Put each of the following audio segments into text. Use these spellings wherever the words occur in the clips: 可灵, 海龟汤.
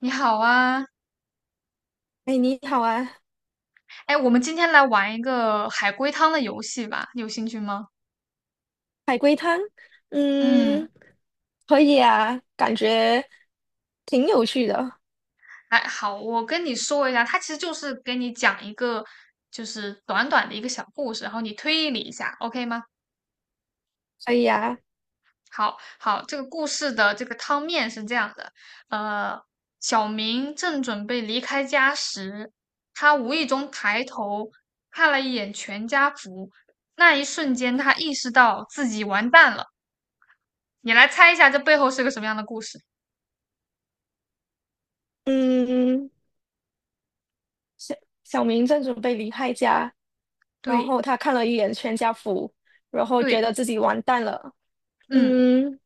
你好啊，哎，你好啊，哎，我们今天来玩一个海龟汤的游戏吧，你有兴趣吗？海龟汤，嗯，嗯，可以啊，感觉挺有趣的，哎，好，我跟你说一下，它其实就是给你讲一个，就是短短的一个小故事，然后你推理一下，OK 吗？可以啊，好好，这个故事的这个汤面是这样的，呃，小明正准备离开家时，他无意中抬头看了一眼全家福，那一瞬间他意识到自己完蛋了。你来猜一下，这背后是个什么样的故事？嗯，小小明正准备离开家，然对后他看了一眼全家福，然后觉对，得自己完蛋了，嗯，嗯，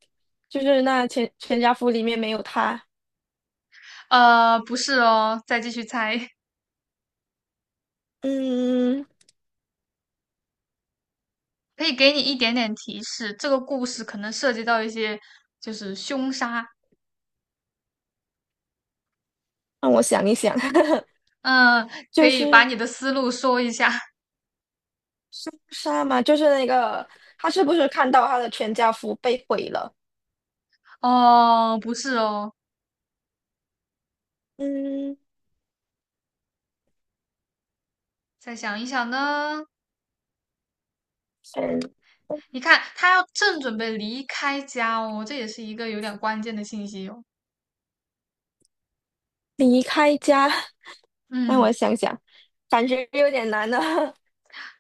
就是那全家福里面没有他，不是哦，再继续猜，嗯，可以给你一点点提示，这个故事可能涉及到一些就是凶杀，让我想一想，嗯，可就以把是你的思路说一下。杀嘛，就是那个他是不是看到他的全家福被毁了？哦，不是哦，嗯，再想一想呢，先你看他要正准备离开家哦，这也是一个有点关键的信息哦。离开家。让我嗯。想想，感觉有点难呢。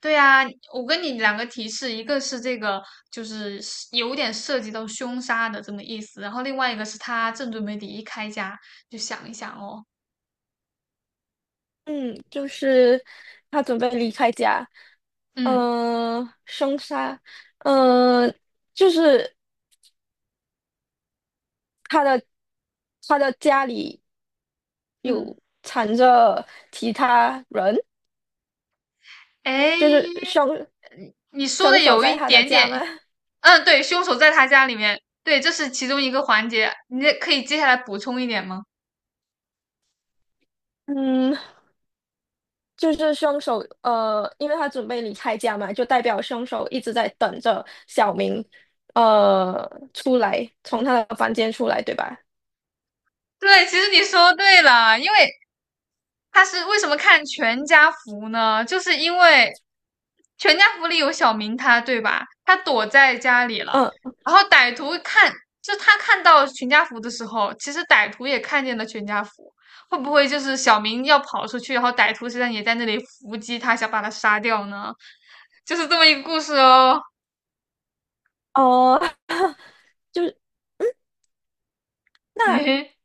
对呀，我跟你两个提示，一个是这个就是有点涉及到凶杀的这么意思，然后另外一个是他正准备离开家，就想一想哦，嗯，就是他准备离开家，嗯，凶杀，呃，就是他的他的家里嗯，有藏着其他人，哎，就是凶你说的凶手有在一他的点家吗？点，嗯，对，凶手在他家里面，对，这是其中一个环节，你也可以接下来补充一点吗？嗯，就是凶手，因为他准备离开家嘛，就代表凶手一直在等着小明，呃，出来，从他的房间出来，对吧？对，其实你说对了，因为他是为什么看全家福呢？就是因为。全家福里有小明他，对吧？他躲在家里了，嗯然后歹徒看，就他看到全家福的时候，其实歹徒也看见了全家福。会不会就是小明要跑出去，然后歹徒实际上也在那里伏击他，想把他杀掉呢？就是这么一个故事哦。哦，就是 嘿那嘿，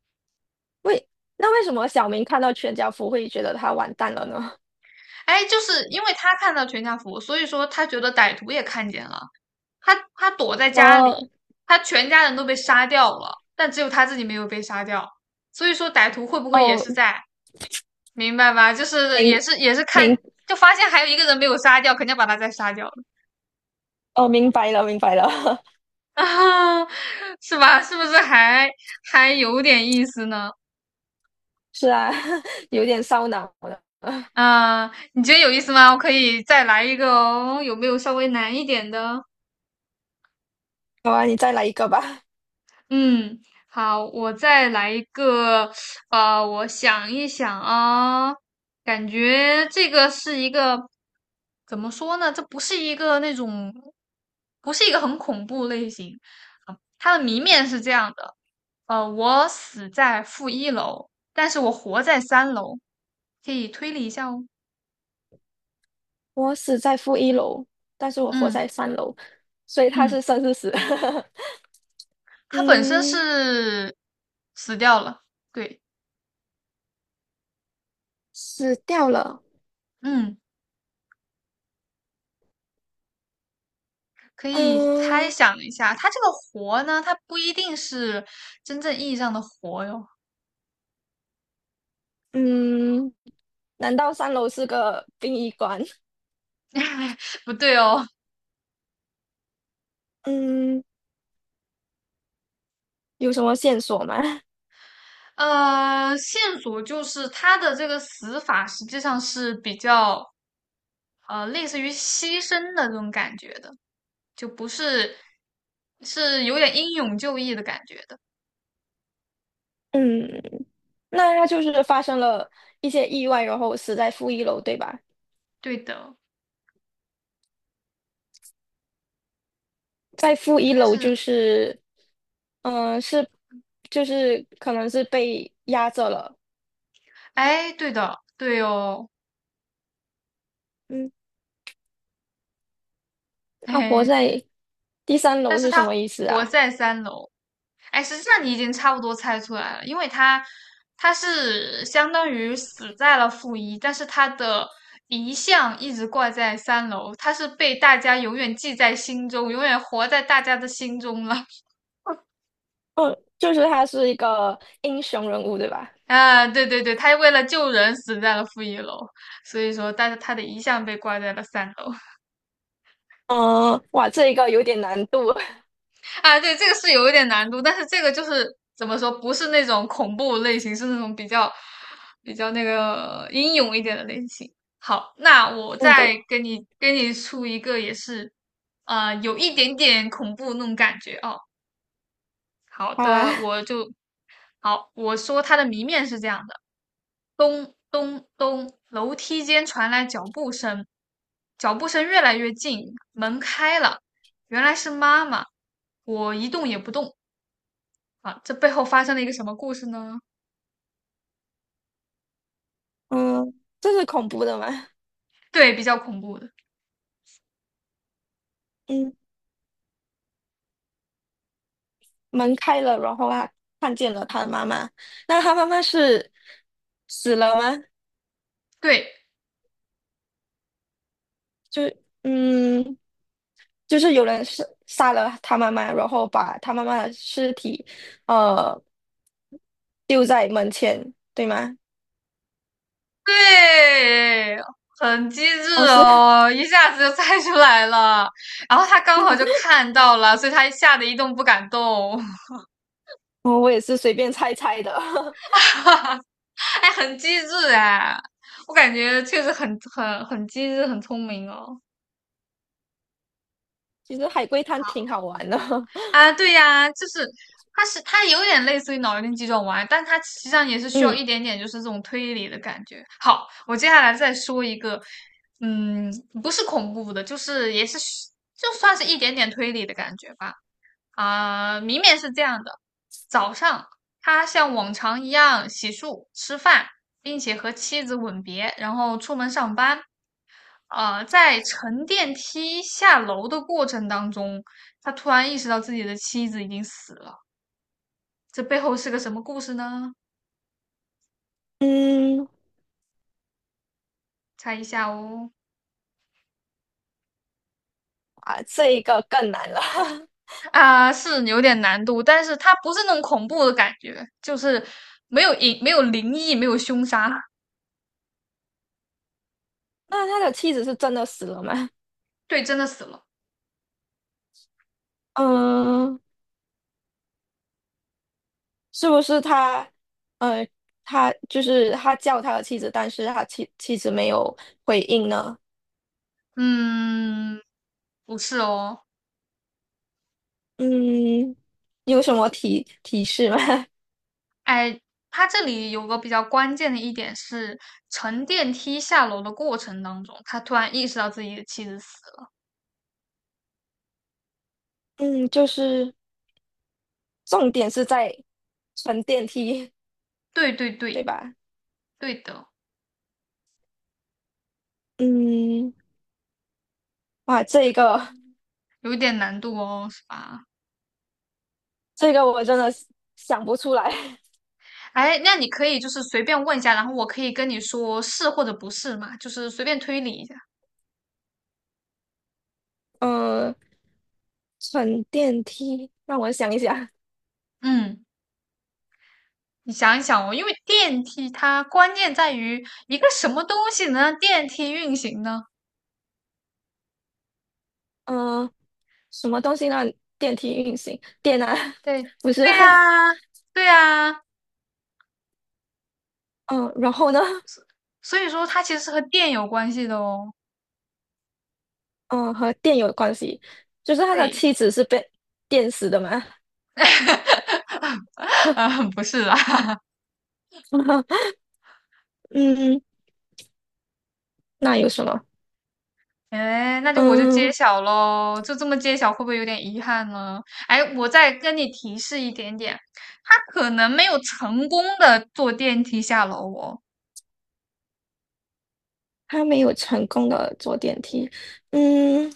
为那为什么小明看到全家福会觉得他完蛋了呢？哎，就是因为他看到全家福，所以说他觉得歹徒也看见了。他躲在家哦里，他全家人都被杀掉了，但只有他自己没有被杀掉。所以说歹徒会不会也哦，是在？明白吧？就是也明是也是看，明就发现还有一个人没有杀掉，肯定要把他再杀掉了 哦，明白了，明白了，啊，是吧？是不是还有点意思呢？是啊，有点烧脑了。啊，你觉得有意思吗？我可以再来一个哦，有没有稍微难一点的？好啊，你再来一个吧。嗯，好，我再来一个，我想一想啊，感觉这个是一个怎么说呢？这不是一个那种，不是一个很恐怖类型。啊它的谜面是这样的，我死在负一楼，但是我活在三楼，可以推理一下哦。我死在负一楼，但是我活嗯在三楼，所以他嗯，是生是死？他本身嗯，是死掉了，对，死掉了。嗯，可以猜嗯想一下，他这个活呢，他不一定是真正意义上的活哟，嗯，难道三楼是个殡仪馆？不对哦。嗯，有什么线索吗？线索就是他的这个死法实际上是比较类似于牺牲的这种感觉的，就不是是有点英勇就义的感觉的。嗯。那他就是发生了一些意外，然后死在负一楼，对吧？对的，在负一但楼就是，是，嗯、呃是就是可能是被压着了。哎，对的，对哦，嗯，嘿那活嘿，在第三但楼是是什他么意思活啊？在三楼，哎，实际上你已经差不多猜出来了，因为他他是相当于死在了负一，但是他的遗像一直挂在三楼，他是被大家永远记在心中，永远活在大家的心中了。嗯，就是他是一个英雄人物，对吧？啊，对对对，他为了救人死在了负一楼，所以说，但是他的遗像被挂在了三楼。嗯，哇，这一个有点难度。啊，对，这个是有一点难度，但是这个就是怎么说，不是那种恐怖类型，是那种比较那个英勇一点的类型。好，那我嗯，对，再给你出一个，也是有一点点恐怖那种感觉哦。好好啊。的，好，我说它的谜面是这样的：咚咚咚，楼梯间传来脚步声，脚步声越来越近，门开了，原来是妈妈。我一动也不动。啊，这背后发生了一个什么故事呢？嗯，这是恐怖的吗？对，比较恐怖的，嗯，门开了，然后他看见了他的妈妈。那他妈妈是死了吗？对就嗯，就是有人是杀了他妈妈，然后把他妈妈的尸体呃丢在门前，对吗？对，很机哦，智是，哦，一下子就猜出来了。然后他刚好就 看到了，所以他吓得一动不敢动，我也是随便猜猜的。哎，很机智哎，我感觉确实很很机智，很聪明哦。其实海龟汤挺好玩的。啊，对呀，就是它是它有点类似于脑力激这种玩意但它实际上也是 需要嗯一点点就是这种推理的感觉。好，我接下来再说一个，嗯，不是恐怖的，就是也是就算是一点点推理的感觉吧。啊、明明是这样的，早上他像往常一样洗漱、吃饭，并且和妻子吻别，然后出门上班。在乘电梯下楼的过程当中，他突然意识到自己的妻子已经死了。这背后是个什么故事呢？嗯，猜一下哦。啊，这一个更难了。啊，是有点难度，但是它不是那种恐怖的感觉，就是没有隐，没有灵异，没有凶杀。那他的妻子是真的死了吗？对，真的死了。嗯，是不是他？呃，他就是他叫他的妻子，但是他妻子没有回应呢？嗯，不是哦。嗯，有什么提示吗？哎，它这里有个比较关键的一点是，乘电梯下楼的过程当中，他突然意识到自己的妻子死了。嗯，就是重点是在乘电梯，对对对对，吧？对的。嗯，哇，有一点难度哦，是吧？这个我真的是想不出来。哎，那你可以就是随便问一下，然后我可以跟你说是或者不是嘛，就是随便推理一下。嗯，乘电梯，让我想一想。嗯，你想一想哦，因为电梯它关键在于一个什么东西能让电梯运行呢？嗯、呃什么东西让电梯运行？电啊，对，不是吗？对呀，对呀，嗯、然后呢？所所以说它其实是和电有关系的哦。嗯、和电有关系，就是他的对，妻子是被电死的嘛。啊，不是啦。嗯，那有什么？哎，那就揭嗯。晓喽，就这么揭晓，会不会有点遗憾呢？哎，我再跟你提示一点点，他可能没有成功的坐电梯下楼哦，他没有成功的坐电梯。嗯，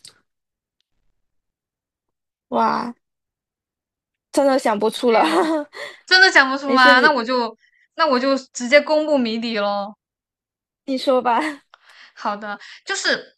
哇，真的想不有出没了。有？真的想不出没事，吗？那你我就直接公布谜底喽。你说吧。好的，就是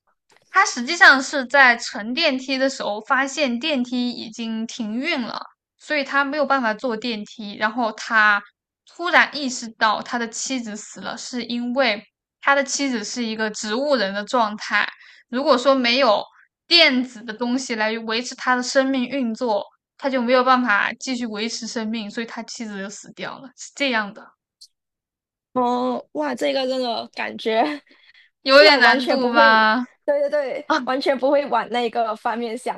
他实际上是在乘电梯的时候发现电梯已经停运了，所以他没有办法坐电梯。然后他突然意识到他的妻子死了，是因为他的妻子是一个植物人的状态。如果说没有电子的东西来维持他的生命运作，他就没有办法继续维持生命，所以他妻子就死掉了，是这样的，哦，哇，这个真的感觉有真的点完难全不度会，吧？对对对，完全不会往那个方面想。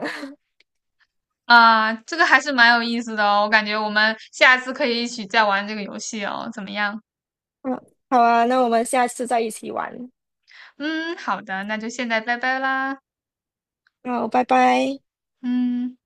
啊，这个还是蛮有意思的哦，我感觉我们下次可以一起再玩这个游戏哦，怎么样？嗯，好啊，那我们下次再一起玩。嗯，好的，那就现在拜拜啦，好，拜拜。嗯。